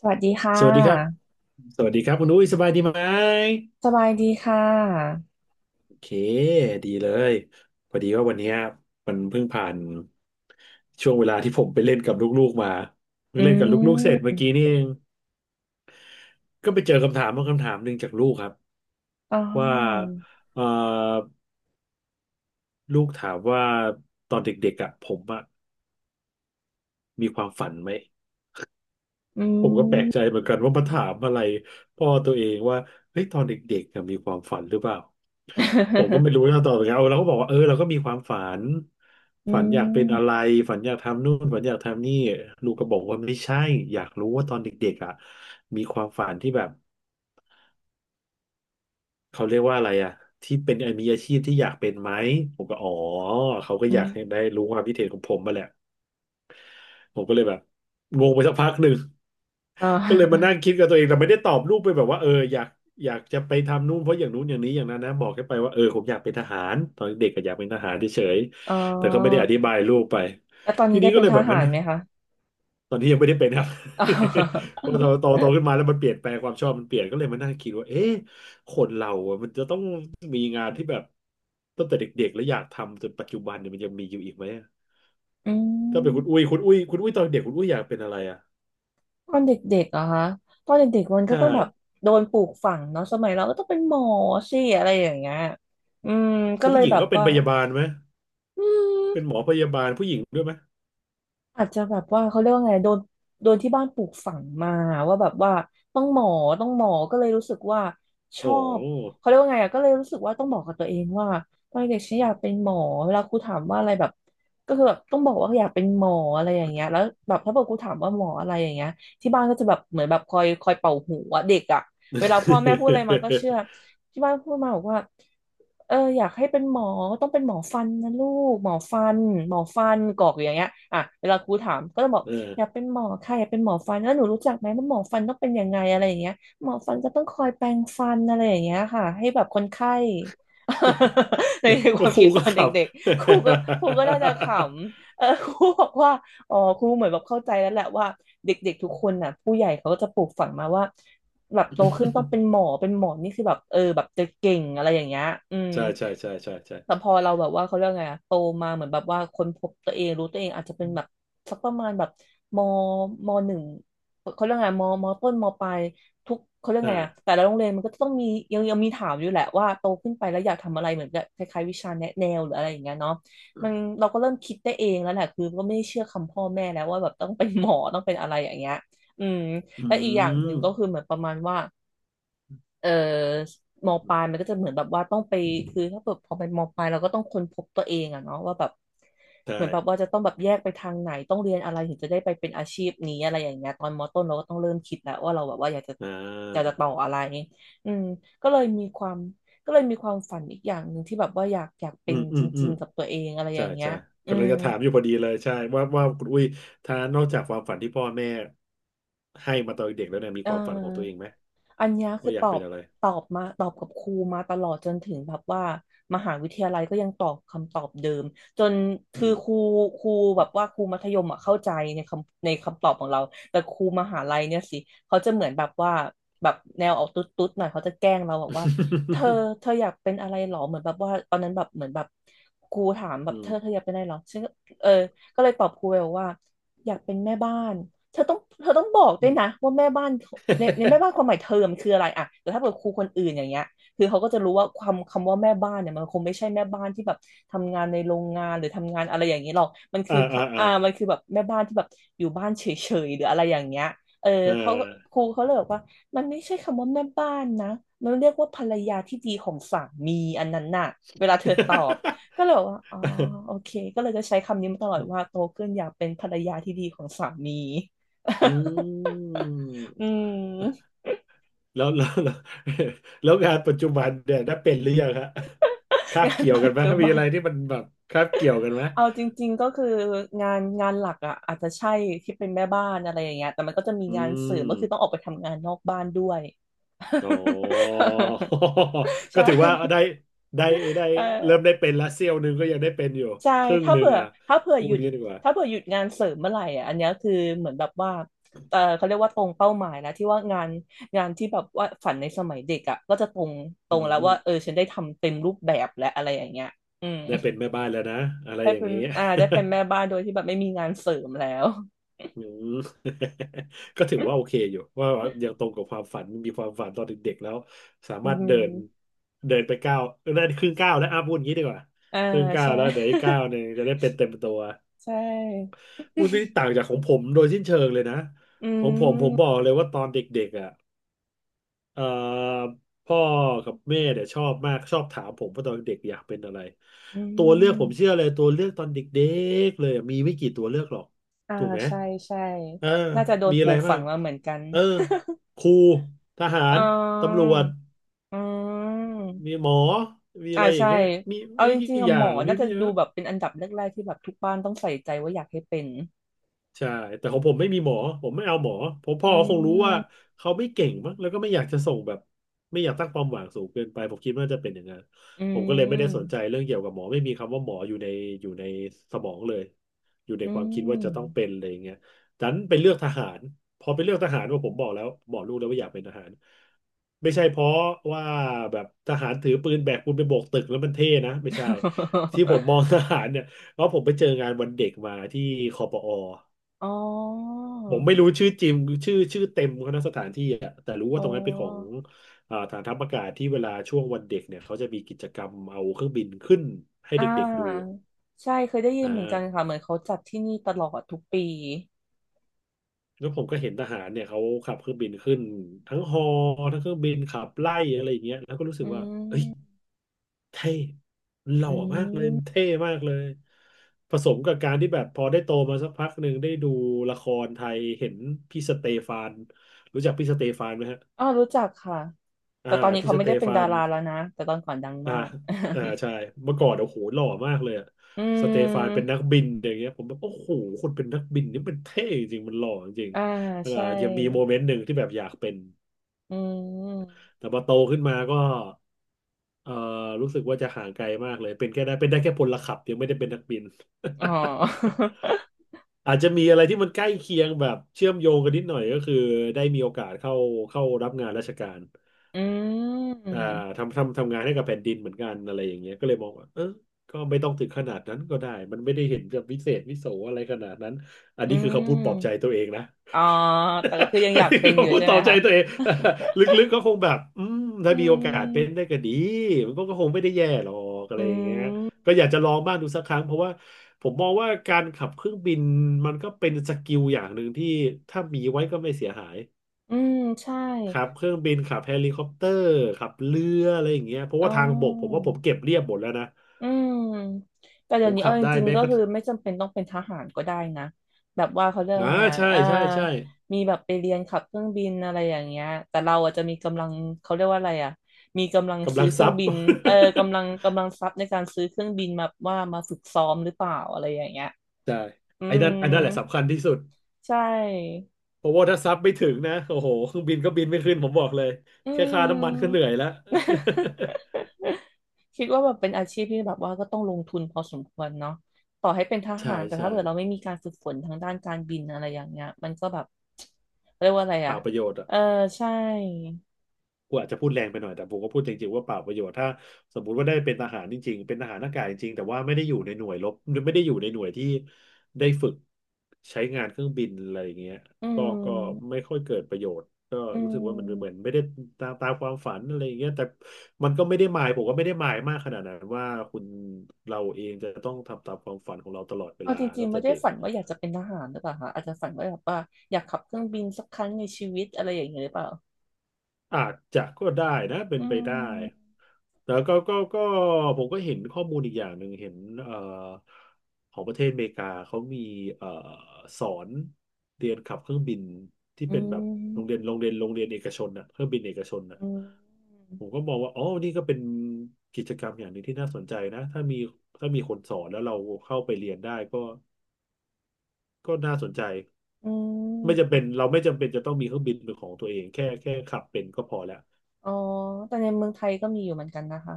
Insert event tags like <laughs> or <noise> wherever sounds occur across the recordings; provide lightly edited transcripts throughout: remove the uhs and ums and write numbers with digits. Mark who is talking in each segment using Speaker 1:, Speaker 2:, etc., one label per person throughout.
Speaker 1: สวัสดีค่
Speaker 2: สวัสดีครับ
Speaker 1: ะ
Speaker 2: สวัสดีครับคุณอุ้ยสบายดีไหม
Speaker 1: สบายดีค่ะ
Speaker 2: โอเคดีเลยพอดีว่าวันเนี้ยมันเพิ่งผ่านช่วงเวลาที่ผมไปเล่นกับลูกๆมาเพิ่
Speaker 1: อื
Speaker 2: งเล่นกับลูกๆเสร็จเมื่อกี้
Speaker 1: ม
Speaker 2: นี่เองก็ไปเจอคำถามบางคำถามหนึ่งจากลูกครับ
Speaker 1: อ๋อ
Speaker 2: ว่าเอ่อลูกถามว่าตอนเด็กๆอ่ะผมอ่ะมีความฝันไหม
Speaker 1: อื
Speaker 2: ผมก็แปลก
Speaker 1: ม
Speaker 2: ใจเหมือนกันว่ามาถามอะไรพ่อตัวเองว่าเฮ้ยตอนเด็กๆอะมีความฝันหรือเปล่าผมก็
Speaker 1: <laughs>
Speaker 2: ไม่รู้นะตอนนั้นเอาเราก็บอกว่าเออเราก็มีความฝัน
Speaker 1: อื
Speaker 2: ฝันอยากเป็นอะไร
Speaker 1: ม
Speaker 2: ฝันอยากทำนู่นฝันอยากทำนี่ลูกก็บอกว่าไม่ใช่อยากรู้ว่าตอนเด็กๆอ่ะมีความฝันที่แบบเขาเรียกว่าอะไรอ่ะที่เป็นมีอาชีพที่อยากเป็นไหมผมก็อ๋อเขาก็
Speaker 1: อื
Speaker 2: อยา
Speaker 1: ม
Speaker 2: กให้ได้รู้ความคิดเห็นของผมมาแหละผมก็เลยแบบงงไปสักพักหนึ่ง
Speaker 1: อ๋
Speaker 2: ก็เลยมา
Speaker 1: อ
Speaker 2: นั่งคิดกับตัวเองแต่ไม่ได้ตอบลูกไปแบบว่าเอออยากจะไปทำนู่นเพราะอย่างนู้นอย่างนี้อย่างนั้นนะบอกแค่ไปว่าเออผมอยากเป็นทหารตอนเด็กก็อยากเป็นทหารเฉย
Speaker 1: อ๋อ
Speaker 2: ๆแต่ก็ไม่ได้อธิบายลูกไป
Speaker 1: แล้วตอน
Speaker 2: ที
Speaker 1: นี้ได้
Speaker 2: นี้ก็
Speaker 1: เป็น
Speaker 2: เลย
Speaker 1: ท
Speaker 2: แบบ
Speaker 1: หา
Speaker 2: มัน
Speaker 1: รไหมคะ
Speaker 2: ตอนที่ยังไม่ได้เป็นครับ
Speaker 1: อ๋อ
Speaker 2: <laughs> พอาโตขึ้นมาแล้วมันเปลี่ยนแปลงความชอบมันเปลี่ยนก็เลยมานั่งคิดว่าเอ๊ะคนเราอะมันจะต้องมีงานที่แบบตั้งแต่เด็กๆแล้วอยากทำจนปัจจุบันเนี่ยมันยังมีอยู่อีกไหมอะ
Speaker 1: <laughs> อื
Speaker 2: ถ้าเป็นคุณอุ้
Speaker 1: ม
Speaker 2: ยคุณอุ้ยคุณอุ้ยตอนเด็กคุณอุ้ยอยากเป็นอะไรอ่ะ
Speaker 1: ตอนเด็กๆเหรอคะตอนเด็กๆมัน
Speaker 2: ใช
Speaker 1: ก็ต้องแบบ
Speaker 2: ่
Speaker 1: โดนปลูกฝังเนาะ สมัยเราก็ต้องเป็นหมอสิอะไรอย่างเงี้ยอืมก็
Speaker 2: คือ
Speaker 1: เล
Speaker 2: ผู้
Speaker 1: ย
Speaker 2: หญิ
Speaker 1: แบ
Speaker 2: ง
Speaker 1: บ
Speaker 2: ก็เป็น
Speaker 1: ว่า
Speaker 2: พยาบาลไหม
Speaker 1: อื
Speaker 2: เป็นห
Speaker 1: ม
Speaker 2: มอพยาบาลผู้หญิงด้วยไหม
Speaker 1: อาจจะแบบว่าเขาเรียกว่าไงโดนที่บ้านปลูกฝังมาว่าแบบว่าต้องหมอต้องหมอก็เลยรู้สึกว่าชอ
Speaker 2: โอ้โ
Speaker 1: บ
Speaker 2: ห
Speaker 1: เขาเรียกว่าไงอะก็เลยรู้สึกว่าต้องบอกกับตัวเองว่าตอนเด็กฉันอยากเป็นหมอเวลาครูถามว่าอะไรแบบก็คือแบบต้องบอกว่าอยากเป็นหมออะไรอย่างเงี้ยแล้วแบบถ้าบอครูถามว่าหมออะไรอย่างเงี้ยที่บ้านก็จะแบบเหมือนแบบคอยเป่าหูอะเด็กอะเวลาพ่อแม่พูดอะไรมาก็เชื่อ
Speaker 2: <laughs>
Speaker 1: ที่บ้านพูดมาบอกว่า เอออยากให้เป็นหมอต้องเป็นหมอฟันนะลูกหมอฟันหมอฟันกรอกอยู่อย่างเงี้ยอ่ะเวลาครูถามก็ต้องบอก
Speaker 2: เออ
Speaker 1: อยากเป็นหมอค่ะอยากเป็นหมอฟันแล้วหนูรู้จักไหมว่าหมอฟันต้องเป็นยังไงอะไรอย่างเงี้ยหมอฟันก็ต้องคอยแปรงฟันอะไรอย่างเงี้ยค่ะให้แบบคนไข้ <laughs> ในความ
Speaker 2: <laughs> ค
Speaker 1: คิ
Speaker 2: รู
Speaker 1: ดต
Speaker 2: ก็
Speaker 1: อน
Speaker 2: ขับ
Speaker 1: เด็กๆครูก็น่าจะขำเออครูบอกว่าอ๋อครูเหมือนแบบเข้าใจแล้วแหละว่าเด็กๆทุกคนน่ะผู้ใหญ่เขาก็จะปลูกฝังมาว่า แบบโตขึ้นต้องเป็น
Speaker 2: <laughs>
Speaker 1: หมอเป็นหมอนี่คือแบบเออแบบจะเก่งอะไรอย่างเงี้ยอืม
Speaker 2: ใช่ใช่ใช่ใช่ใช่
Speaker 1: แต่พอเราแบบว่าเขาเรียกไงอะโตมาเหมือนแบบว่าค้นพบตัวเองรู้ตัวเองอาจจะเป็นแบบสักประมาณแบบมมหนึ่งเขาเรียกไงมมต้นมปลายทุกเขาเรียกไงอะ
Speaker 2: อ่า
Speaker 1: แต่ละโรงเรียนมันก็ต้องมียังมีถามอยู่แหละว่าโตขึ้นไปแล้วอยากทำอะไรเหมือนกับคล้ายๆวิชาแนะแนวหรืออะไรอย่างเงี้ยเนาะมันเราก็เริ่มคิดได้เองแล้วแหละคือก็ไม่ได้เชื่อคำพ่อแม่แล้วว่าแบบต้องเป็นหมอต้องเป็นอะไรอย่างเงี้ยอืม
Speaker 2: อื
Speaker 1: และอีกอย่างหนึ่งก็คือ
Speaker 2: ม
Speaker 1: เหมือนประมาณว่าเออมปลายมันก็จะเหมือนแบบว่าต้องไปคือถ้าเกิดพอเป็นมปลายเราก็ต้องค้นพบตัวเองอะเนาะว่าแบบ
Speaker 2: ใช่
Speaker 1: เหมือนแบบว่าจะต้องแบบแยกไปทางไหนต้องเรียนอะไรถึงจะได้ไปเป็นอาชีพนี้อะไรอย่างเงี้ยตอนมต้นเราก็ต้องเริ่มคิดแล้วว่าเราแบบว่าอยากจะ
Speaker 2: อ่
Speaker 1: อยาก
Speaker 2: า
Speaker 1: จะต่ออะไรอืมก็เลยมีความก็เลยมีความฝันอีกอย่างหนึ่งที่แบบว่าอยากเป็
Speaker 2: อื
Speaker 1: น
Speaker 2: มอื
Speaker 1: จ
Speaker 2: มอื
Speaker 1: ริ
Speaker 2: ม
Speaker 1: งๆกับตัวเองอะไรอ
Speaker 2: ใช่
Speaker 1: ย่างเงี้ย
Speaker 2: ใช่
Speaker 1: อื
Speaker 2: กำลัง
Speaker 1: ม
Speaker 2: จะถามอยู่พอดีเลย ใช่ว่าคุณอุ้ยถ้านอกจากความฝันที่พ่อแม่ให้มาตอนเด็กแล้วเนี่ยมี
Speaker 1: เอ
Speaker 2: ความฝันของตัวเอง
Speaker 1: อ
Speaker 2: ไหม
Speaker 1: อันเนี้ยคื
Speaker 2: ว่า
Speaker 1: อ
Speaker 2: อ
Speaker 1: ต
Speaker 2: ยาก
Speaker 1: อ
Speaker 2: เป็
Speaker 1: บ
Speaker 2: นอะไร
Speaker 1: ตอบมาตอบกับครูมาตลอดจนถึงแบบว่ามหาวิทยาลัยก็ยังตอบคำตอบเดิมจน
Speaker 2: อื
Speaker 1: คือ
Speaker 2: ม
Speaker 1: ครูแบบว่าครูมัธยมอ่ะเข้าใจในคำตอบของเราแต่ครูมหาลัยเนี่ยสิเขาจะเหมือนแบบว่าแบบแนวออกตุ๊ดตุ๊ดหน่อยเขาจะแกล้งเราบอกว่าเธอ
Speaker 2: <laughs>
Speaker 1: เธออยากเป็นอะไรหรอเหมือนแบบว่าตอนนั้นแบบเหมือนแบบครูถามแบ
Speaker 2: อื
Speaker 1: บเธ
Speaker 2: ม
Speaker 1: อ
Speaker 2: <laughs>
Speaker 1: เธออยากเป็นอะไรหรอฉันก็เออก็เลยตอบครูไปบอกว่าอยากเป็นแม่บ้าน เธอต้องบอกด้
Speaker 2: อื
Speaker 1: วย
Speaker 2: ม
Speaker 1: นะว่าแม่บ้าน ในแม่บ้านความหมายเทอมคืออะไรอะแต่ถ้าเกิดครูคนอื่นอย่างเงี้ยคือเขาก็จะรู้ว่าความคำว่าแม่บ้านเนี่ยมันคงไม่ใช่แม่บ้านที่แบบทำงานในโรงงานหรือทำงานอะไรอย่างนี้หรอกมันคื
Speaker 2: อ่า
Speaker 1: อ
Speaker 2: อ่าอ่า
Speaker 1: อ่ามันคือแบบแม่บ้านที่แบบอยู่บ้านเฉยๆหรืออะไรอย่างเงี้ยเออ
Speaker 2: เอ
Speaker 1: เขา
Speaker 2: อ
Speaker 1: ครูเขาเลยบอกว่ามันไม่ใช่คำว่าแม่บ้านนะมันเรียกว่าภรรยาที่ดีของสามีอันนั้นน่ะเวลาเธอตอบก็เลยบอกว่าอ๋อโอ
Speaker 2: <laughs>
Speaker 1: เคก็เลยจะใช้คำนี้มาตลอดว่าโตขึ้นอยากเป็นภรรยาที่ดีของสามี <laughs>
Speaker 2: อื
Speaker 1: อื
Speaker 2: ม
Speaker 1: ม
Speaker 2: แล้ว <laughs> แล้วงานปัจจุบันเนี่ยได้เป็นหรือยังฮะคา
Speaker 1: <laughs>
Speaker 2: บ
Speaker 1: งาน
Speaker 2: เกี่ยว
Speaker 1: ปั
Speaker 2: กัน
Speaker 1: จ
Speaker 2: ไหม
Speaker 1: จุ
Speaker 2: มี
Speaker 1: บั
Speaker 2: อะ
Speaker 1: น
Speaker 2: ไรที่มันแบบคาบเกี่ยวกันไหม
Speaker 1: เอาจริงๆก็คืองานหลักอ่ะอาจจะใช่ที่เป็นแม่บ้านอะไรอย่างเงี้ยแต่มันก็จะมี
Speaker 2: อื
Speaker 1: งานเสริมก็
Speaker 2: ม
Speaker 1: คือต้องออกไปทำงานนอกบ้านด้วย
Speaker 2: อ๋อ้
Speaker 1: <laughs>
Speaker 2: <laughs> ก็
Speaker 1: ใช่
Speaker 2: ถือว่าได้ได้
Speaker 1: เ
Speaker 2: เริ่ม
Speaker 1: ออ
Speaker 2: ได้เป็นละเสี้ยวหนึ่งก็ยังได้เป็นอยู่
Speaker 1: ใช่
Speaker 2: ครึ่ง
Speaker 1: ถ้า
Speaker 2: หนึ่ง
Speaker 1: เผื่อ
Speaker 2: อ่ะ
Speaker 1: ถ้าเผื่อ
Speaker 2: พู
Speaker 1: หยุ
Speaker 2: ด
Speaker 1: ด
Speaker 2: งี้ดีกว่า
Speaker 1: ถ้าเผื่อหยุดงานเสริมเมื่อไหร่อ่ะอันเนี้ยคือเหมือนแบบว่าเออเขาเรียกว่าตรงเป้าหมายนะที่ว่างานงานที่แบบว่าฝันในสมัยเด็กอ่ะก็จะตรงตร
Speaker 2: อื
Speaker 1: งแล้ว
Speaker 2: ม
Speaker 1: ว่าเออฉันได้ทำเต็มรูปแบบและอะไรอย่างเงี้ยอืม
Speaker 2: ได้เป็นแม่บ้านแล้วนะอะไร
Speaker 1: ได้
Speaker 2: อย่าง
Speaker 1: เป็น
Speaker 2: นี้
Speaker 1: ได้เป็นแม่บ้านโดยที่แบบไม่มีงานเสริมแล้ว
Speaker 2: อืม <laughs> ก็ถือว่าโอเค
Speaker 1: <laughs>
Speaker 2: อยู่ว่ายังตรงกับความฝันมีความฝันตอนเด็กๆแล้วสา
Speaker 1: อื
Speaker 2: มารถเดิน
Speaker 1: ม
Speaker 2: เดินไปก้าวได้ครึ่งก้าวแล้วอ่ะพูดอย่างนี้ดีกว่า
Speaker 1: อ่า
Speaker 2: ครึ่งก้าว
Speaker 1: ใช่
Speaker 2: แล้วเดี๋ยวอีกก้าวหนึ่งจะได้เป็นเต็มตัว
Speaker 1: <laughs> ใช่
Speaker 2: พูดนี่ต่างจากของผมโดยสิ้นเชิงเลยนะ
Speaker 1: อื
Speaker 2: ของผมผมบอ
Speaker 1: ม
Speaker 2: กเลยว่าตอนเด็กๆอ่ะ เอ่อพ่อกับแม่เนี่ยชอบมากชอบถามผมว่าตอนเด็กอยากเป็นอะไร
Speaker 1: อื
Speaker 2: ตัวเลือกผมเชื่อ
Speaker 1: ม
Speaker 2: เลยตัวเลือกตอนเด็กๆเลยอะมีไม่กี่ตัวเลือกหรอก
Speaker 1: อ่า
Speaker 2: ถูกไหม
Speaker 1: ใช่ใช่
Speaker 2: เออ
Speaker 1: น่าจะโดน
Speaker 2: มี
Speaker 1: ป
Speaker 2: อะ
Speaker 1: ลู
Speaker 2: ไร
Speaker 1: กฝั
Speaker 2: บ้าง
Speaker 1: งมาเหมือนกัน
Speaker 2: เออครูทหา
Speaker 1: <laughs> อ๋
Speaker 2: รตำ
Speaker 1: อ
Speaker 2: รวจ
Speaker 1: อื
Speaker 2: มี
Speaker 1: ม
Speaker 2: หมอมีอะ
Speaker 1: อ่า
Speaker 2: ไรอย่าง
Speaker 1: ใช่
Speaker 2: เงี้ยมี
Speaker 1: เอา
Speaker 2: ไม่
Speaker 1: จ
Speaker 2: กี่
Speaker 1: ริงๆอะ
Speaker 2: อย่า
Speaker 1: หมอ
Speaker 2: งมี
Speaker 1: น่าจะ
Speaker 2: ไม่เย
Speaker 1: ดู
Speaker 2: อะ
Speaker 1: แบบเป็นอันดับแรกๆที่แบบทุกบ้านต้องใส่ใจว่าอยากให้เป็น
Speaker 2: ใช่แต่ของผมไม่มีหมอผมไม่เอาหมอผมพ่อ
Speaker 1: อื
Speaker 2: คงรู้ว่า
Speaker 1: ม
Speaker 2: เขาไม่เก่งมั้งแล้วก็ไม่อยากจะส่งแบบไม่อยากตั้งความหวังสูงเกินไปผมคิดว่าจะเป็นอย่างนั้น
Speaker 1: อื
Speaker 2: ผมก็เลยไม่ได้สนใจ
Speaker 1: ม
Speaker 2: เรื่องเกี่ยวกับหมอไม่มีคำว่าหมออยู่ในอยู่ในสมองเลยอยู่ใน
Speaker 1: อื
Speaker 2: ค
Speaker 1: ม
Speaker 2: วามคิดว่าจะต้องเป็นอะไรอย่างเงี้ยดันไปเลือกทหารพอไปเลือกทหารว่าผมบอกแล้วบอกลูกแล้วว่าอยากเป็นทหารไม่ใช่เพราะว่าแบบทหารถือปืนแบกปืนไปโบกตึกแล้วมันเท่นะไม่ใช่ที่ผมมองทหารเนี่ยเพราะผมไปเจองานวันเด็กมาที่คอปอ
Speaker 1: <laughs> อ๋อ
Speaker 2: ผมไม่รู้ชื่อจริงชื่อเต็มเขานะสถานที่อะแต่รู้
Speaker 1: อ๋
Speaker 2: ว่า
Speaker 1: อ
Speaker 2: ตรงนั้นเป็นของฐานทัพอากาศที่เวลาช่วงวันเด็กเนี่ยเขาจะมีกิจกรรมเอาเครื่องบินขึ้นให้
Speaker 1: อ่
Speaker 2: เด็กๆดู
Speaker 1: าใช่เคยได้ยิ
Speaker 2: อ่
Speaker 1: นเหมือนกัน
Speaker 2: า
Speaker 1: ค่ะเหมือนเขาจัดที่นี่ตลอดทุกปี
Speaker 2: แล้วผมก็เห็นทหารเนี่ยเขาขับเครื่องบินขึ้นทั้งฮอทั้งเครื่องบินขับไล่อะไรอย่างเงี้ยแล้วก็รู้สึ
Speaker 1: อื
Speaker 2: กว่าเอ้ย
Speaker 1: ม
Speaker 2: เท่หล่อ
Speaker 1: อื
Speaker 2: มากเลยเท่
Speaker 1: ม
Speaker 2: มากเลยผสมกับการที่แบบพอได้โตมาสักพักหนึ่งได้ดูละครไทยเห็นพี่สเตฟานรู้จักพี่สเตฟานไหมฮะ
Speaker 1: อ๋อรู้จักค่ะ
Speaker 2: อ่า
Speaker 1: แต่ตอนนี้
Speaker 2: พี่
Speaker 1: เขา
Speaker 2: ส
Speaker 1: ไม่
Speaker 2: เต
Speaker 1: ได้เป็น
Speaker 2: ฟา
Speaker 1: ดา
Speaker 2: น
Speaker 1: ราแล้วนะแต่ตอนก่อนดัง
Speaker 2: อ่า
Speaker 1: มาก
Speaker 2: อ่าใช่เมื่อก่อนโอ้โหหล่อมากเลยอะ
Speaker 1: <laughs> อื
Speaker 2: สเตฟานเป็นนั
Speaker 1: ม
Speaker 2: กบินอย่างเงี้ยผมแบบโอ้โหคนเป็นนักบินนี่มันเท่จริงมันหล่อจริง
Speaker 1: อ่า
Speaker 2: อ่า
Speaker 1: ใช่
Speaker 2: ยังมีโมเมนต์หนึ่งที่แบบอยากเป็น
Speaker 1: อืม
Speaker 2: แต่พอโตขึ้นมาก็เอ่อรู้สึกว่าจะห่างไกลมากเลยเป็นแค่ได้เป็นได้แค่พลขับยังไม่ได้เป็นนักบิน
Speaker 1: อ๋อ
Speaker 2: <laughs> อาจจะมีอะไรที่มันใกล้เคียงแบบเชื่อมโยงกันนิดหน่อยก็คือได้มีโอกาสเข้ารับงานราชการ
Speaker 1: <laughs> อื
Speaker 2: อ่า
Speaker 1: ม
Speaker 2: ทำงานให้กับแผ่นดินเหมือนกันอะไรอย่างเงี้ยก็เลยมองว่าเออก็ไม่ต้องถึงขนาดนั้นก็ได้มันไม่ได้เห็นจะวิเศษวิโสอะไรขนาดนั้นอัน
Speaker 1: อื
Speaker 2: นี้คือคำพูดปลอบใจ
Speaker 1: ม
Speaker 2: ตัวเองนะ
Speaker 1: อ๋อแต่ก็คือยัง
Speaker 2: <laughs> อั
Speaker 1: อ
Speaker 2: น
Speaker 1: ยาก
Speaker 2: นี้
Speaker 1: เป็
Speaker 2: คื
Speaker 1: น
Speaker 2: อ
Speaker 1: อยู่
Speaker 2: คำพูด
Speaker 1: ใช่
Speaker 2: ปล
Speaker 1: ไหม
Speaker 2: อบใจ
Speaker 1: คะ
Speaker 2: ตัวเอง <laughs> ลึกๆก็คงแบบอืม
Speaker 1: <laughs>
Speaker 2: ถ้า
Speaker 1: อื
Speaker 2: มีโอกาส
Speaker 1: ม
Speaker 2: เป็นได้ก็ดีมันก็คงไม่ได้แย่หรอกอะไร
Speaker 1: อื
Speaker 2: อย่างเงี้ยก็
Speaker 1: ม
Speaker 2: อยากจะลองบ้างดูสักครั้งเพราะว่าผมมองว่าการขับเครื่องบินมันก็เป็นสกิลอย่างหนึ่งที่ถ้ามีไว้ก็ไม่เสียหาย
Speaker 1: อืมใช่
Speaker 2: ขับเครื่องบินขับเฮลิคอปเตอร์ขับเรืออะไรอย่างเงี้ยเพราะ
Speaker 1: อ๋
Speaker 2: ว่าทางบกผม
Speaker 1: อ
Speaker 2: ว่าผมเก็บเรียบหมดแล้วนะ
Speaker 1: อืมแต่
Speaker 2: ผ
Speaker 1: เดี๋ยว
Speaker 2: ม
Speaker 1: นี้
Speaker 2: ขั
Speaker 1: เอา
Speaker 2: บ
Speaker 1: จ
Speaker 2: ได้
Speaker 1: ริง
Speaker 2: แม้
Speaker 1: ๆก็
Speaker 2: กระ
Speaker 1: คือ
Speaker 2: ทั่ง
Speaker 1: ไม่จำเป็นต้องเป็นทหารก็ได้นะแบบว่าเขาเรีย
Speaker 2: อ่า
Speaker 1: ก่าไงอะ
Speaker 2: ใช่ใช่ใช่
Speaker 1: มีแบบไปเรียนขับเครื่องบินอะไรอย่างเงี้ยแต่เราอาจจะมีกำลังเขาเรียกว่าอะไรอ่ะมีกำลัง
Speaker 2: กำ
Speaker 1: ซื้
Speaker 2: ลั
Speaker 1: อ
Speaker 2: ง
Speaker 1: เครื่อ
Speaker 2: ซั
Speaker 1: ง
Speaker 2: บ <laughs>
Speaker 1: บินเออกำลังทรัพย์ในการซื้อเครื่องบินมาว่ามาฝึกซ้อมหรือเปล่าอะไรอย่างเงี้ย
Speaker 2: ใช่
Speaker 1: อื
Speaker 2: ไอ้นั่
Speaker 1: ม
Speaker 2: นไอ้นั่นแหละสำคัญที่สุด
Speaker 1: ใช่
Speaker 2: เพราะว่าถ้าซับไม่ถึงนะโอ้โหเครื่องบินก็บินไม่ขึ้นผมบอกเลย
Speaker 1: อื
Speaker 2: แค่ค่าน้ำมันก็เหนื่อย
Speaker 1: ม
Speaker 2: แล้ว
Speaker 1: <laughs> คิดว่าแบบเป็นอาชีพที่แบบว่าก็ต้องลงทุนพอสมควรเนาะต่อให้เป็นท
Speaker 2: <laughs> ใช่
Speaker 1: หารแต่
Speaker 2: ใช่
Speaker 1: ถ้าเกิดเราไม่มีการฝึกฝนทางด้านการบินอะไรอย่างเงี้ยมันก็แบบเรียกว่าอะไร
Speaker 2: เป
Speaker 1: อ่ะ
Speaker 2: ล่าประโยชน์อ่ะ
Speaker 1: เออใช่
Speaker 2: กูอาจจะพูดแรงไปหน่อยแต่ผมก็พูดจริงๆว่าเปล่าประโยชน์ถ้าสมมุติว่าได้เป็นทหารจริงๆเป็นทหารอากาศจริงๆแต่ว่าไม่ได้อยู่ในหน่วยรบไม่ได้อยู่ในหน่วยที่ได้ฝึกใช้งานเครื่องบินอะไรอย่างเงี้ย
Speaker 1: อื
Speaker 2: ก็ไม่
Speaker 1: ม
Speaker 2: ค่อยเกิดประโยชน์ก็
Speaker 1: อื
Speaker 2: รู้สึกว่ามันเหมือน
Speaker 1: ม
Speaker 2: ไม่ได้ตามความฝันอะไรอย่างเงี้ยแต่มันก็ไม่ได้หมายมากขนาดนั้นว่าคุณเราเองจะต้องทำตามความฝันของเราตลอดเว
Speaker 1: เอา
Speaker 2: ลา
Speaker 1: จริง
Speaker 2: ตั้ง
Speaker 1: ๆ
Speaker 2: แต่
Speaker 1: ไม่ได้
Speaker 2: เด็ก
Speaker 1: ฝันว่าอยากจะเป็นทหารหรือเปล่าคะอาจจะฝันว่าแบบว่าอยากขับเครื่องบินสักครั้งในชีวิตอะไรอย่างเงี้ยหรือเปล่า
Speaker 2: อาจจะก็ได้นะเป็น
Speaker 1: อื
Speaker 2: ไปได้
Speaker 1: ม
Speaker 2: แต่ก็ผมก็เห็นข้อมูลอีกอย่างหนึ่งเห็นเอ่อของประเทศอเมริกาเขามีเอ่อสอนเรียนขับเครื่องบินที่
Speaker 1: อื
Speaker 2: เป็นแบบ
Speaker 1: ม
Speaker 2: โรงเรียนเอกชนน่ะเครื่องบินเอกชนน่ะ
Speaker 1: อืม
Speaker 2: ผมก็มองว่าอ๋อนี่ก็เป็นกิจกรรมอย่างหนึ่งที่น่าสนใจนะถ้ามีคนสอนแล้วเราเข้าไปเรียนได้ก็ก็น่าสนใจ
Speaker 1: อื
Speaker 2: ไม่จำเป็น
Speaker 1: ม
Speaker 2: เราไม่จำเป็นจะต้องมีเครื่องบินเป็นของตัวเองแค่ขับเป็นก็พอแล้ว
Speaker 1: อ๋อ แต่ในเมืองไทยก็มีอยู่เหมือนกันนะคะ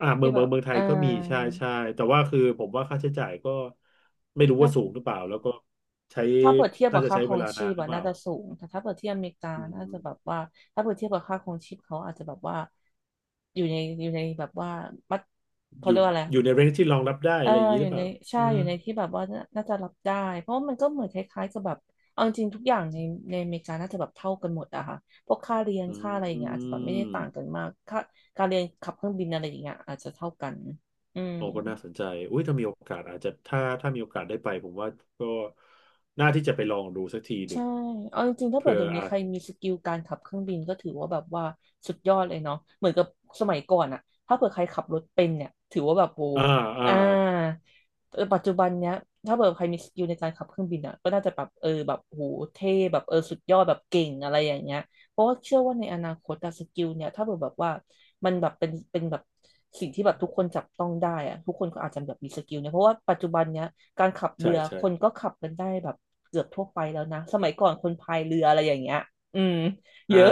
Speaker 2: อ่า
Speaker 1: ที่แบบ
Speaker 2: เมืองไทยก็มีใช่ใช่แต่ว่าคือผมว่าค่าใช้จ่ายก็ไม่รู้ว่า
Speaker 1: น่า
Speaker 2: สูงหรือเปล่าแล้วก็ใช้
Speaker 1: ถ้าเปิดเทียบกั
Speaker 2: น่า
Speaker 1: บ
Speaker 2: จะ
Speaker 1: ค่า
Speaker 2: ใช้
Speaker 1: คร
Speaker 2: เว
Speaker 1: อง
Speaker 2: ลา
Speaker 1: ชี
Speaker 2: นาน
Speaker 1: พ
Speaker 2: หรือ
Speaker 1: อะ
Speaker 2: เป
Speaker 1: น่า
Speaker 2: ล่า
Speaker 1: จะสูงแต่ถ้าเปิดเทียบอเมริกา
Speaker 2: อื
Speaker 1: น่า
Speaker 2: ม
Speaker 1: จะแบบว่าถ้าเปิดเทียบกับค่าครองชีพเขาอาจจะแบบว่าอยู่ในแบบว่ามัด
Speaker 2: อ
Speaker 1: เขา
Speaker 2: ยู่
Speaker 1: เรียกว่าอะไร
Speaker 2: อยู่ในเรนจ์ที่รองรับได้
Speaker 1: เออ
Speaker 2: อะไรอย่างนี้
Speaker 1: อ
Speaker 2: ห
Speaker 1: ยู่
Speaker 2: รือเป
Speaker 1: ใน
Speaker 2: ล่า
Speaker 1: ใช่
Speaker 2: นะ
Speaker 1: อยู่ในที่แบบว่าน่าจะรับได้เพราะว่ามันก็เหมือนคล้ายๆกับแบบเอาจริงๆทุกอย่างในอเมริกาน่าจะแบบเท่ากันหมดอะค่ะพวกค่าเรียน
Speaker 2: อื
Speaker 1: ค่าอะไรอย่างเงี้ยอาจจะแบบ
Speaker 2: ม
Speaker 1: ไม่ได้ต่างกันมากค่าการเรียนขับเครื่องบินอะไรอย่างเงี้ยอาจจะเท่ากันอืม
Speaker 2: โอ้ก็น่าสนใจอุ้ยถ้ามีโอกาสอาจจะถ้ามีโอกาสได้ไปผมว่าก็น่าที่จะไปลองดูสักทีหนึ่
Speaker 1: ใช่
Speaker 2: ง
Speaker 1: เอาจริงๆถ้าเปิ
Speaker 2: เผื่
Speaker 1: ด
Speaker 2: อ
Speaker 1: เดี๋ยวนี้
Speaker 2: อา
Speaker 1: ใค
Speaker 2: จ
Speaker 1: รมีสกิลการขับเครื่องบินก็ถือว่าแบบว่าสุดยอดเลยเนาะเหมือนกับสมัยก่อนอะถ้าเปิดใครขับรถเป็นเนี่ยถือว่าแบบโห
Speaker 2: อ่าอ่า
Speaker 1: อ่าแต่ปัจจุบันเนี้ยถ้าเปิดใครมีสกิลในการขับเครื่องบินอะก็น่าจะแบบเออแบบโหเท่แบบเออสุดยอดแบบเก่งอะไรอย่างเงี้ยเพราะว่าเชื่อว่าในอนาคตอะสกิลเนี่ยถ้าเปิดแบบว่ามันแบบเป็นแบบสิ่งที่แบบทุกคนจับต้องได้อะทุกคนก็อาจจะแบบมีสกิลเนี่ยเพราะว่าปัจจุบันเนี้ยการขับเรื
Speaker 2: ใช่
Speaker 1: อค
Speaker 2: ใช่
Speaker 1: นก็ขับกันได้แบบ เกือบทั่วไปแล้วนะสมัยก่อนคนพายเรืออะไรอย่างเงี้ยอืมเย
Speaker 2: อ่า
Speaker 1: อะ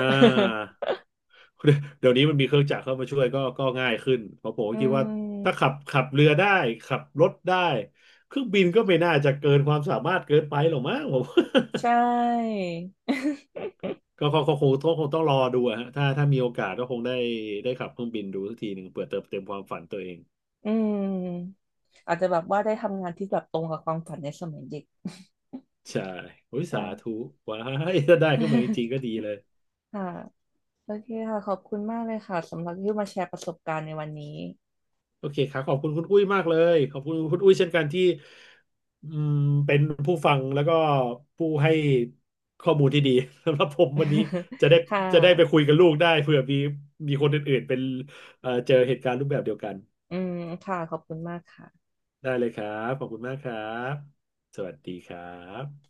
Speaker 2: <laughs> เดี๋ยวนี้มันมีเครื่องจักรเข้ามาช่วยก็ก็ง่ายขึ้นเพราะผม
Speaker 1: <laughs>
Speaker 2: ก็
Speaker 1: อื
Speaker 2: คิดว่าถ้า
Speaker 1: ม
Speaker 2: ขับเรือได้ขับรถได้เครื่องบินก็ไม่น่าจะเกินความสามารถเกินไปหรอกมั้งผม
Speaker 1: ใช่ <laughs>
Speaker 2: <laughs> ก็คงต้องรอดูอะฮะถ้ามีโอกาสก็คงได้ได้ขับเครื่องบินดูสักทีหนึ่งเผื่อเติมเต็มความฝันตัวเอง
Speaker 1: อืมอาจจะแบบว่าได้ทำงานที่แบบตรงกับความฝันในสมัยเด็ก
Speaker 2: ใช่โอ้ย
Speaker 1: <laughs> ใช่
Speaker 2: สาธุว้ายถ้าได้ขึ้นมาจริง
Speaker 1: <laughs>
Speaker 2: ๆก็ดีเลย
Speaker 1: ค่ะโอเคค่ะขอบคุณมากเลยค่ะสำหรับที่มาแชร์ประสบการณ์ในวันนี้
Speaker 2: โอเคครับขอบคุณคุณอุ้ยมากเลยขอบคุณคุณอุ้ยเช่นกันที่อืมเป็นผู้ฟังแล้วก็ผู้ให้ข้อมูลที่ดี <laughs> สำหรับผมวันนี้
Speaker 1: <laughs>
Speaker 2: จะได้
Speaker 1: ค่
Speaker 2: จะได้ไปคุย
Speaker 1: ะ
Speaker 2: กับลูกได้เผื่อมีคนอื่นๆเป็นเจอเหตุการณ์รูปแบบเดียวกัน
Speaker 1: อืมค่ะขอบคุณมากค่ะ
Speaker 2: ได้เลยครับขอบคุณมากครับสวัสดีครับ